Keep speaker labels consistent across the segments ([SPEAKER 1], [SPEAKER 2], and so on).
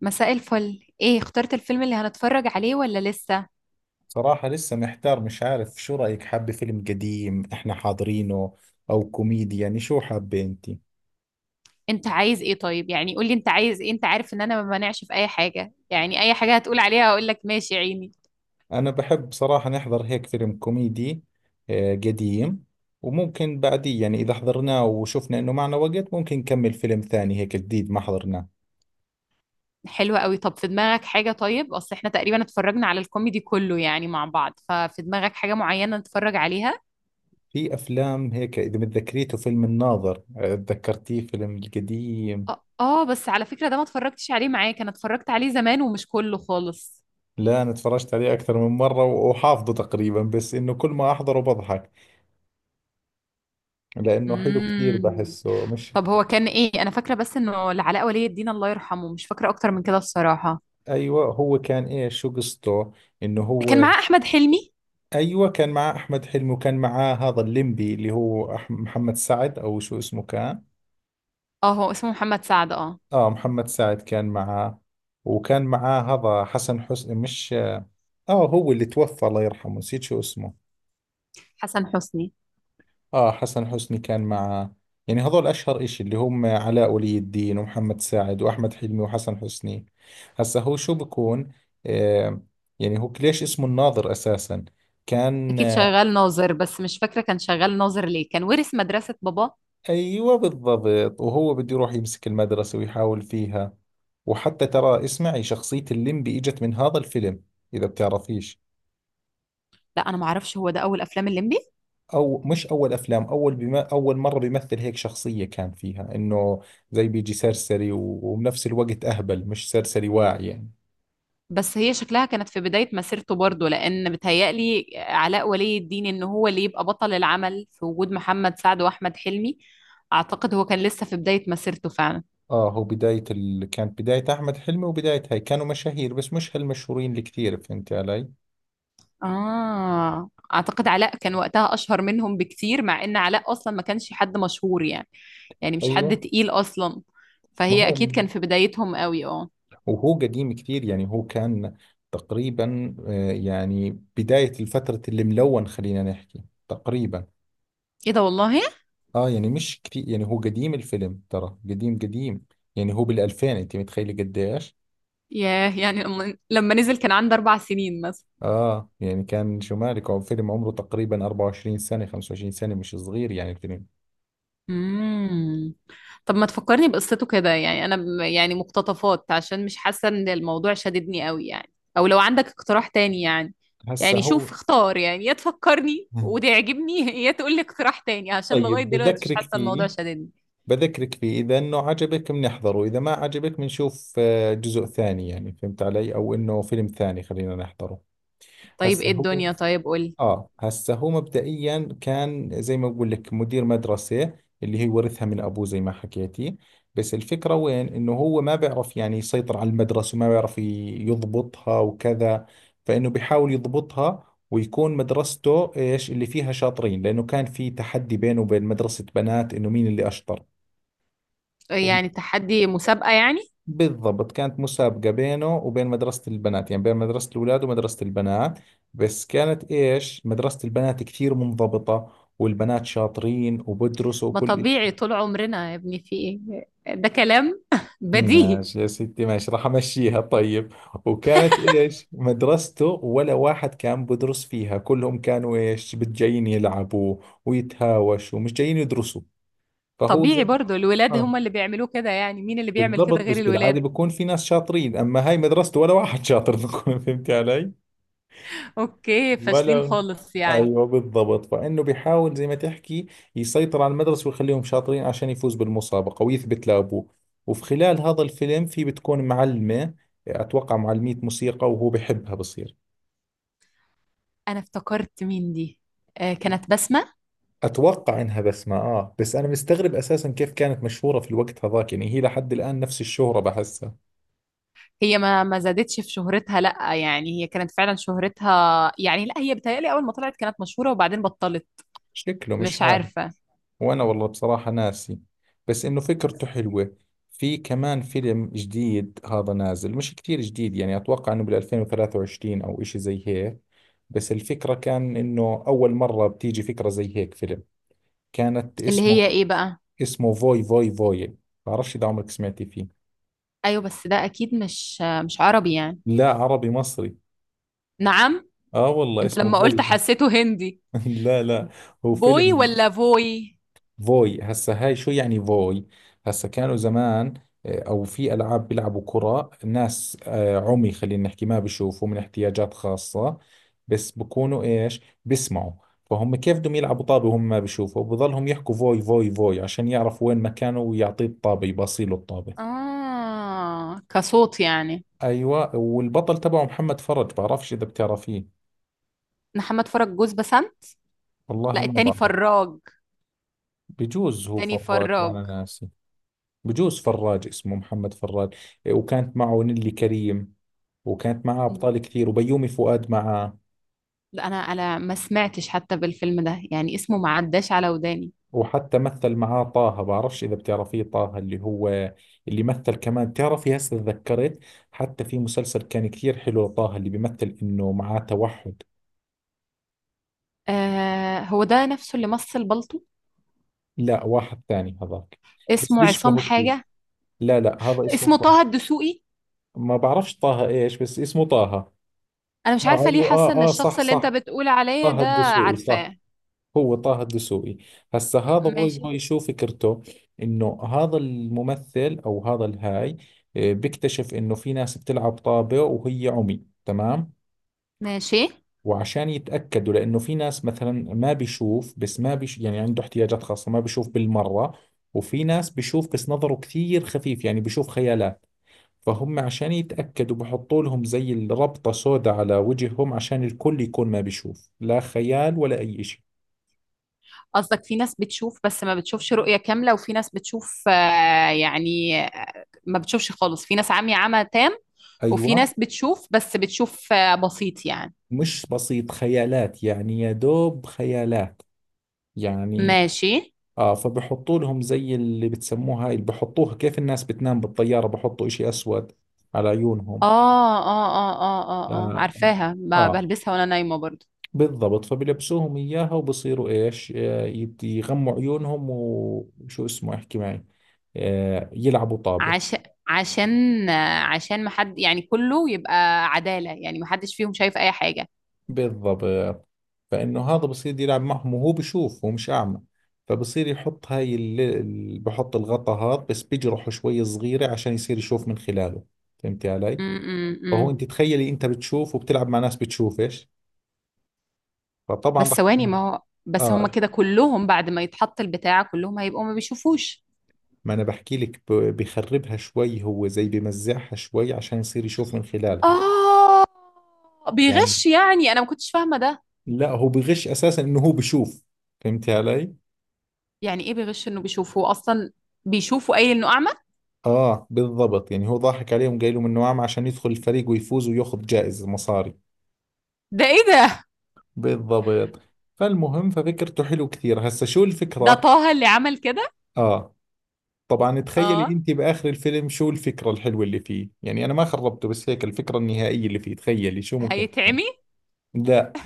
[SPEAKER 1] مساء الفل. ايه، اخترت الفيلم اللي هنتفرج عليه ولا لسه؟
[SPEAKER 2] صراحة لسه محتار، مش عارف شو رأيك. حابة فيلم قديم احنا حاضرينه او كوميدي؟ يعني شو حابة انتي؟
[SPEAKER 1] انت عايز ايه؟ طيب، يعني قولي انت عايز ايه. انت عارف ان انا ما بمانعش في اي حاجة، يعني اي حاجة هتقول عليها هقول لك ماشي يا عيني.
[SPEAKER 2] انا بحب صراحة نحضر هيك فيلم كوميدي، قديم. وممكن بعديه يعني اذا حضرناه وشفنا انه معنا وقت ممكن نكمل فيلم ثاني، هيك جديد ما حضرناه.
[SPEAKER 1] حلوة قوي. طب في دماغك حاجة؟ طيب اصل احنا تقريبا اتفرجنا على الكوميدي كله يعني مع بعض، ففي دماغك حاجة معينة نتفرج عليها؟
[SPEAKER 2] في افلام هيك، اذا متذكريته، فيلم الناظر. تذكرتيه فيلم القديم؟
[SPEAKER 1] اه. بس على فكرة ده ما اتفرجتش عليه معاك، انا اتفرجت عليه زمان ومش كله خالص.
[SPEAKER 2] لا انا تفرجت عليه اكثر من مرة وحافظه تقريبا، بس انه كل ما احضره بضحك لانه حلو كثير
[SPEAKER 1] امم.
[SPEAKER 2] بحسه مش...
[SPEAKER 1] طب هو كان ايه؟ انا فاكرة بس انه العلاء ولي الدين، الله يرحمه، مش فاكرة اكتر من كده الصراحة.
[SPEAKER 2] ايوه هو كان ايش، شو قصته؟ انه
[SPEAKER 1] كان
[SPEAKER 2] هو...
[SPEAKER 1] معاه احمد حلمي.
[SPEAKER 2] ايوه كان معاه احمد حلمي، وكان معاه هذا الليمبي اللي هو محمد سعد او شو اسمه كان.
[SPEAKER 1] اه، هو اسمه محمد سعد، اه.
[SPEAKER 2] اه، محمد سعد كان معاه. وكان معاه هذا حسن حسني، مش... اه هو اللي توفى الله يرحمه، نسيت شو اسمه.
[SPEAKER 1] حسن حسني.
[SPEAKER 2] اه، حسن حسني كان معاه. يعني هذول اشهر اشي، اللي هم علاء ولي الدين ومحمد سعد واحمد حلمي وحسن حسني. هسا هو شو بكون؟ آه. يعني هو ليش اسمه الناظر اساسا؟ كان...
[SPEAKER 1] اكيد شغال ناظر، بس مش فاكره كان شغال ناظر ليه. كان ورث مدرسه بابا.
[SPEAKER 2] ايوه بالضبط، وهو بده يروح يمسك المدرسة ويحاول فيها. وحتى ترى اسمعي، شخصية الليمبي اجت من هذا الفيلم، اذا بتعرفيش.
[SPEAKER 1] لا، انا ما اعرفش، هو ده اول افلام الليمبي؟
[SPEAKER 2] او مش اول افلام، اول بما اول مرة بيمثل هيك شخصية، كان فيها انه زي بيجي سرسري، وبنفس الوقت اهبل مش سرسري واعي يعني.
[SPEAKER 1] بس هي شكلها كانت في بدايه مسيرته برضه، لان بتهيألي علاء ولي الدين ان هو اللي يبقى بطل العمل في وجود محمد سعد واحمد حلمي. اعتقد هو كان لسه في بدايه مسيرته فعلا.
[SPEAKER 2] اه هو بداية كانت بداية احمد حلمي، وبداية هاي كانوا مشاهير بس مش هالمشهورين اللي كثير. فهمتي علي؟
[SPEAKER 1] آه، أعتقد علاء كان وقتها أشهر منهم بكتير، مع إن علاء أصلا ما كانش حد مشهور يعني. يعني مش حد
[SPEAKER 2] ايوه.
[SPEAKER 1] تقيل أصلا.
[SPEAKER 2] ما
[SPEAKER 1] فهي
[SPEAKER 2] هو...
[SPEAKER 1] أكيد كان في بدايتهم قوي، اه.
[SPEAKER 2] وهو قديم كثير، يعني هو كان تقريبا، يعني بداية الفترة اللي ملون خلينا نحكي تقريبا.
[SPEAKER 1] إيه ده والله.
[SPEAKER 2] اه يعني مش كثير، يعني هو قديم الفيلم ترى، قديم قديم. يعني هو بالألفين، انت متخيلة قديش؟
[SPEAKER 1] ياه، يعني لما نزل كان عنده 4 سنين مثلا.
[SPEAKER 2] اه يعني كان شو مالك، هو فيلم عمره تقريبا 24 سنة 25 سنة، مش صغير يعني الفيلم.
[SPEAKER 1] امم. طب ما تفكرني بقصته كده، يعني انا يعني مقتطفات، عشان مش حاسه ان الموضوع شددني قوي يعني. او لو عندك اقتراح تاني يعني.
[SPEAKER 2] هسا
[SPEAKER 1] يعني شوف،
[SPEAKER 2] هو...
[SPEAKER 1] اختار، يعني يا تفكرني
[SPEAKER 2] مم.
[SPEAKER 1] وتعجبني يا تقول لي اقتراح تاني، عشان لغايه
[SPEAKER 2] طيب
[SPEAKER 1] دلوقتي مش
[SPEAKER 2] بذكرك
[SPEAKER 1] حاسه الموضوع
[SPEAKER 2] فيه.
[SPEAKER 1] شددني.
[SPEAKER 2] بذكرك فيه، إذا إنه عجبك بنحضره، إذا ما عجبك بنشوف جزء ثاني، يعني فهمت علي؟ أو إنه فيلم ثاني خلينا نحضره.
[SPEAKER 1] طيب
[SPEAKER 2] هسه
[SPEAKER 1] ايه
[SPEAKER 2] هو...
[SPEAKER 1] الدنيا؟ طيب قول.
[SPEAKER 2] اه هسه هو مبدئيا كان زي ما بقول لك مدير مدرسة، اللي هي ورثها من ابوه زي ما حكيتي. بس الفكرة وين؟ انه هو ما بيعرف يعني يسيطر على المدرسة، وما بيعرف يضبطها وكذا. فانه بيحاول يضبطها ويكون مدرسته ايش؟ اللي فيها شاطرين، لانه كان في تحدي بينه وبين مدرسة بنات انه مين اللي اشطر.
[SPEAKER 1] يعني تحدي مسابقه يعني؟
[SPEAKER 2] بالضبط، كانت مسابقة بينه وبين مدرسة البنات، يعني بين مدرسة الأولاد ومدرسة البنات. بس كانت إيش؟ مدرسة البنات كثير منضبطة، والبنات شاطرين وبدرسوا
[SPEAKER 1] ما
[SPEAKER 2] وكل شيء.
[SPEAKER 1] طبيعي طول عمرنا يا ابني. في ايه ده كلام بديهي.
[SPEAKER 2] ماشي يا ستي ماشي، راح أمشيها طيب. وكانت إيش مدرسته؟ ولا واحد كان بدرس فيها، كلهم كانوا إيش؟ بتجايين يلعبوا ويتهاوشوا، مش جايين يدرسوا. فهو
[SPEAKER 1] طبيعي
[SPEAKER 2] زي...
[SPEAKER 1] برضو، الولاد
[SPEAKER 2] آه
[SPEAKER 1] هم اللي بيعملوه كده. يعني مين اللي بيعمل
[SPEAKER 2] بالضبط،
[SPEAKER 1] كده غير
[SPEAKER 2] بس بالعادة
[SPEAKER 1] الولاد؟
[SPEAKER 2] بكون في ناس شاطرين، أما هاي مدرسته ولا واحد شاطر فهمت علي؟
[SPEAKER 1] اوكي، فاشلين
[SPEAKER 2] ولا...
[SPEAKER 1] خالص يعني.
[SPEAKER 2] ايوه بالضبط، فانه بيحاول زي ما تحكي يسيطر على المدرسه ويخليهم شاطرين عشان يفوز بالمسابقه ويثبت لابوه. وفي خلال هذا الفيلم في بتكون معلمه، اتوقع معلمية موسيقى، وهو بحبها بصير.
[SPEAKER 1] انا افتكرت مين دي. آه، كانت بسمة.
[SPEAKER 2] اتوقع انها بسمة، اه. بس انا مستغرب اساسا كيف كانت مشهوره في الوقت هذاك، يعني هي لحد الان نفس الشهره بحسها.
[SPEAKER 1] هي ما زادتش في شهرتها. لا يعني، هي كانت فعلا شهرتها يعني، لا هي بتهيألي اول ما طلعت كانت مشهورة وبعدين بطلت.
[SPEAKER 2] شكله مش
[SPEAKER 1] مش
[SPEAKER 2] عارف.
[SPEAKER 1] عارفة.
[SPEAKER 2] وانا والله بصراحة ناسي، بس انه فكرته حلوة. في كمان فيلم جديد هذا نازل، مش كتير جديد يعني، اتوقع انه بال 2023 او اشي زي هيك. بس الفكرة كان انه اول مرة بتيجي فكرة زي هيك فيلم. كانت
[SPEAKER 1] اللي هي
[SPEAKER 2] اسمه...
[SPEAKER 1] ايه بقى؟
[SPEAKER 2] اسمه فوي فوي فوي. بعرفش اذا عمرك سمعتي فيه.
[SPEAKER 1] ايوه، بس ده اكيد مش عربي يعني.
[SPEAKER 2] لا، عربي مصري.
[SPEAKER 1] نعم؟
[SPEAKER 2] اه والله
[SPEAKER 1] انت
[SPEAKER 2] اسمه
[SPEAKER 1] لما قلت
[SPEAKER 2] فوي.
[SPEAKER 1] حسيته هندي.
[SPEAKER 2] لا لا. هو
[SPEAKER 1] بوي
[SPEAKER 2] فيلم
[SPEAKER 1] ولا فوي؟
[SPEAKER 2] فوي. هسا هاي شو يعني فوي؟ هسا كانوا زمان، او في العاب بيلعبوا كرة، ناس عمي خلينا نحكي، ما بيشوفوا، من احتياجات خاصة، بس بكونوا ايش؟ بيسمعوا. فهم كيف بدهم يلعبوا طابة وهم ما بيشوفوا؟ بضلهم يحكوا فوي فوي فوي عشان يعرفوا وين مكانه ويعطيه الطابة، يباصيله الطابة.
[SPEAKER 1] اه، كصوت يعني.
[SPEAKER 2] ايوه، والبطل تبعه محمد فرج، بعرفش اذا بتعرفيه.
[SPEAKER 1] محمد فرج جوز بسام؟
[SPEAKER 2] والله
[SPEAKER 1] لا،
[SPEAKER 2] ما
[SPEAKER 1] التاني
[SPEAKER 2] بعرف.
[SPEAKER 1] فراج.
[SPEAKER 2] بجوز هو
[SPEAKER 1] تاني
[SPEAKER 2] فراج
[SPEAKER 1] فراج.
[SPEAKER 2] وانا ناسي. بجوز فراج، اسمه محمد فراج. وكانت معه نيلي كريم، وكانت معاه أبطال كثير وبيومي فؤاد معاه.
[SPEAKER 1] لا، انا ما سمعتش حتى بالفيلم ده، يعني اسمه ما عداش على وداني.
[SPEAKER 2] وحتى مثل معاه طه، بعرفش إذا بتعرفيه طه اللي هو... اللي مثل كمان، بتعرفي هسه تذكرت، حتى في مسلسل كان كثير حلو، طه اللي بيمثل إنه معاه توحد.
[SPEAKER 1] آه، هو ده نفسه اللي مثل بالطو.
[SPEAKER 2] لا واحد ثاني هذاك، بس
[SPEAKER 1] اسمه عصام
[SPEAKER 2] بيشبهه كثير.
[SPEAKER 1] حاجة.
[SPEAKER 2] لا لا، هذا اسمه
[SPEAKER 1] اسمه
[SPEAKER 2] طه.
[SPEAKER 1] طه الدسوقي.
[SPEAKER 2] ما بعرفش طه إيش، بس اسمه طه.
[SPEAKER 1] انا مش
[SPEAKER 2] آه
[SPEAKER 1] عارفة ليه
[SPEAKER 2] أيوه،
[SPEAKER 1] حاسة ان
[SPEAKER 2] آه آه صح
[SPEAKER 1] الشخص اللي انت
[SPEAKER 2] صح،
[SPEAKER 1] بتقول عليه
[SPEAKER 2] طه
[SPEAKER 1] ده.
[SPEAKER 2] الدسوقي صح.
[SPEAKER 1] عارفاه.
[SPEAKER 2] هو طه الدسوقي. هسا هذا باي
[SPEAKER 1] ماشي.
[SPEAKER 2] باي شو فكرته؟ انه هذا الممثل او هذا الهاي بيكتشف انه في ناس بتلعب طابة وهي عمي تمام.
[SPEAKER 1] ماشي.
[SPEAKER 2] وعشان يتأكدوا، لانه في ناس مثلا ما بيشوف بس ما بيش، يعني عنده احتياجات خاصة ما بيشوف بالمرة، وفي ناس بيشوف بس نظره كثير خفيف، يعني بيشوف خيالات. فهم عشان يتأكدوا بحطوا لهم زي الربطة سوداء على وجههم عشان الكل يكون ما بيشوف لا خيال ولا أي شيء.
[SPEAKER 1] قصدك في ناس بتشوف بس ما بتشوفش رؤية كاملة، وفي ناس بتشوف، يعني ما بتشوفش خالص، في ناس عمي، عمى تام. وفي
[SPEAKER 2] أيوة.
[SPEAKER 1] ناس بتشوف، بس بتشوف بسيط يعني.
[SPEAKER 2] مش بسيط خيالات، يعني يا دوب خيالات يعني.
[SPEAKER 1] ماشي.
[SPEAKER 2] اه فبحطوا لهم زي اللي بتسموها، هاي اللي بحطوها كيف الناس بتنام بالطيارة، بحطوا اشي اسود على عيونهم.
[SPEAKER 1] اه، اه، اه، اه، اه، اه،
[SPEAKER 2] آه,
[SPEAKER 1] عارفاها.
[SPEAKER 2] اه.
[SPEAKER 1] بلبسها وانا نايمة برضو.
[SPEAKER 2] بالضبط، فبلبسوهم اياها وبصيروا ايش؟ يغموا عيونهم وشو اسمه، احكي معي، آه يلعبوا طابة.
[SPEAKER 1] عشان عشان عشان ما حد يعني، كله يبقى عدالة يعني، ما حدش فيهم شايف اي حاجة.
[SPEAKER 2] بالضبط، فإنه هذا بصير يلعب معهم وهو بشوف، هو مش أعمى. فبصير يحط هاي بحط الغطا هذا، بس بجرحه شوي صغيرة عشان يصير يشوف من خلاله. فهمتي علي؟ فهو،
[SPEAKER 1] امم.
[SPEAKER 2] أنت تخيلي أنت بتشوف وبتلعب مع ناس بتشوفش، فطبعا
[SPEAKER 1] بس
[SPEAKER 2] رح...
[SPEAKER 1] ثواني، ما هو بس هما
[SPEAKER 2] آه.
[SPEAKER 1] كده كلهم بعد ما يتحط البتاع كلهم هيبقوا ما بيشوفوش.
[SPEAKER 2] ما أنا بحكي لك، بخربها شوي، هو زي بمزعها شوي عشان يصير يشوف من خلالها
[SPEAKER 1] اه،
[SPEAKER 2] يعني.
[SPEAKER 1] بيغش يعني. انا ما كنتش فاهمة ده.
[SPEAKER 2] لا هو بغش أساسا إنه هو بشوف. فهمتي علي؟
[SPEAKER 1] يعني ايه بيغش انه بيشوفه اصلا؟ بيشوفه قايل انه اعمى.
[SPEAKER 2] اه بالضبط، يعني هو ضاحك عليهم قايل لهم انه عام عشان يدخل الفريق ويفوز وياخذ جائزة مصاري.
[SPEAKER 1] ده ايه ده؟
[SPEAKER 2] بالضبط. فالمهم، ففكرته حلو كثير. هسا شو
[SPEAKER 1] ده
[SPEAKER 2] الفكرة؟
[SPEAKER 1] طه اللي عمل كده؟
[SPEAKER 2] اه طبعا تخيلي
[SPEAKER 1] اه.
[SPEAKER 2] انت باخر الفيلم شو الفكرة الحلوة اللي فيه، يعني انا ما خربته بس هيك، الفكرة النهائية اللي فيه تخيلي شو ممكن تكون.
[SPEAKER 1] هيتعمي؟
[SPEAKER 2] لا،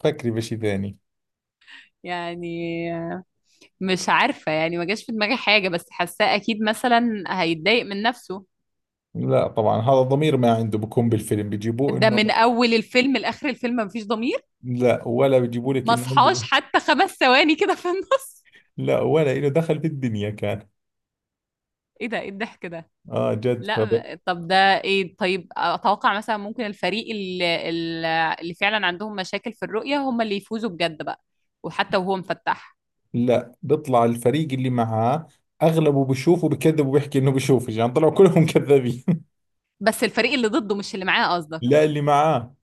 [SPEAKER 2] فكري بشي ثاني.
[SPEAKER 1] يعني مش عارفة، يعني ما جاش في دماغي حاجة، بس حاساه أكيد مثلا هيتضايق من نفسه.
[SPEAKER 2] لا طبعا، هذا الضمير ما عنده، بكون بالفيلم بيجيبوه
[SPEAKER 1] ده من
[SPEAKER 2] انه...
[SPEAKER 1] أول الفيلم لآخر الفيلم مفيش ضمير؟
[SPEAKER 2] لا ولا بيجيبوا لك
[SPEAKER 1] ما
[SPEAKER 2] انه عنده.
[SPEAKER 1] صحاش حتى 5 ثواني كده في النص؟
[SPEAKER 2] لا ولا انه دخل في الدنيا كان...
[SPEAKER 1] إيه ده؟ إيه الضحك ده؟
[SPEAKER 2] اه جد.
[SPEAKER 1] لا. طب ده. إيه؟ طيب أتوقع مثلا ممكن الفريق اللي فعلا عندهم مشاكل في الرؤية هم اللي يفوزوا بجد بقى. وحتى وهو مفتح.
[SPEAKER 2] لا بيطلع الفريق اللي معاه اغلبه بيشوفه، بكذب وبيحكي انه بيشوف، يعني طلعوا كلهم كذابين.
[SPEAKER 1] بس الفريق اللي ضده مش اللي معاه قصدك؟
[SPEAKER 2] لا، اللي معاه.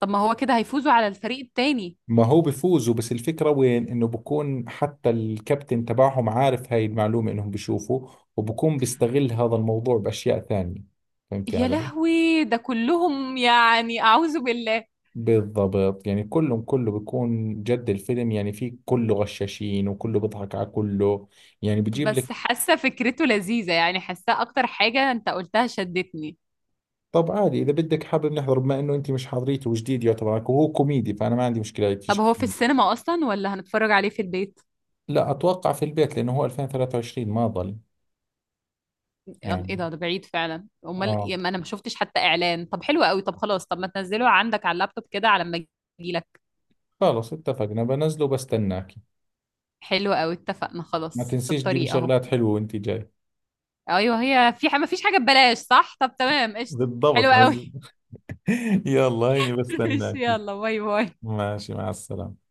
[SPEAKER 1] طب ما هو كده هيفوزوا على الفريق التاني.
[SPEAKER 2] ما هو بفوزوا، بس الفكرة وين؟ انه بكون حتى الكابتن تبعهم عارف هاي المعلومة، انهم بيشوفوا، وبكون بيستغل هذا الموضوع باشياء ثانية. فهمتي
[SPEAKER 1] يا
[SPEAKER 2] علي؟
[SPEAKER 1] لهوي، ده كلهم يعني، أعوذ بالله.
[SPEAKER 2] بالضبط، يعني كلهم، كله بيكون جد الفيلم، يعني في كله غشاشين وكله بيضحك على كله. يعني بجيب لك...
[SPEAKER 1] بس حاسه فكرته لذيذه يعني. حاسه اكتر حاجه انت قلتها شدتني.
[SPEAKER 2] طب عادي، اذا بدك حابب نحضر، بما انه انت مش حاضريته وجديد يعتبر عليك، وهو كوميدي، فانا ما عندي مشكله هيك
[SPEAKER 1] طب
[SPEAKER 2] شيء.
[SPEAKER 1] هو في السينما اصلا ولا هنتفرج عليه في البيت؟
[SPEAKER 2] لا اتوقع في البيت، لانه هو 2023، ما ضل
[SPEAKER 1] ايه
[SPEAKER 2] يعني.
[SPEAKER 1] ده بعيد فعلا. امال
[SPEAKER 2] اه
[SPEAKER 1] إيه، ما انا ما شفتش حتى اعلان. طب حلو قوي. طب خلاص، طب ما تنزله عندك على اللابتوب كده على ما اجيلك.
[SPEAKER 2] خلص، اتفقنا، بنزله وبستناكي.
[SPEAKER 1] حلو قوي، اتفقنا،
[SPEAKER 2] ما
[SPEAKER 1] خلاص في
[SPEAKER 2] تنسيش تجيبي
[SPEAKER 1] الطريق اهو.
[SPEAKER 2] شغلات حلوه وانت جاي.
[SPEAKER 1] ايوه، هي في ما فيش حاجه ببلاش، صح؟ طب تمام، قشطه، حلو
[SPEAKER 2] بالضبط
[SPEAKER 1] قوي.
[SPEAKER 2] عزيز. يلا هيني
[SPEAKER 1] ماشي،
[SPEAKER 2] بستناكي.
[SPEAKER 1] يلا باي باي.
[SPEAKER 2] ماشي، مع السلامه.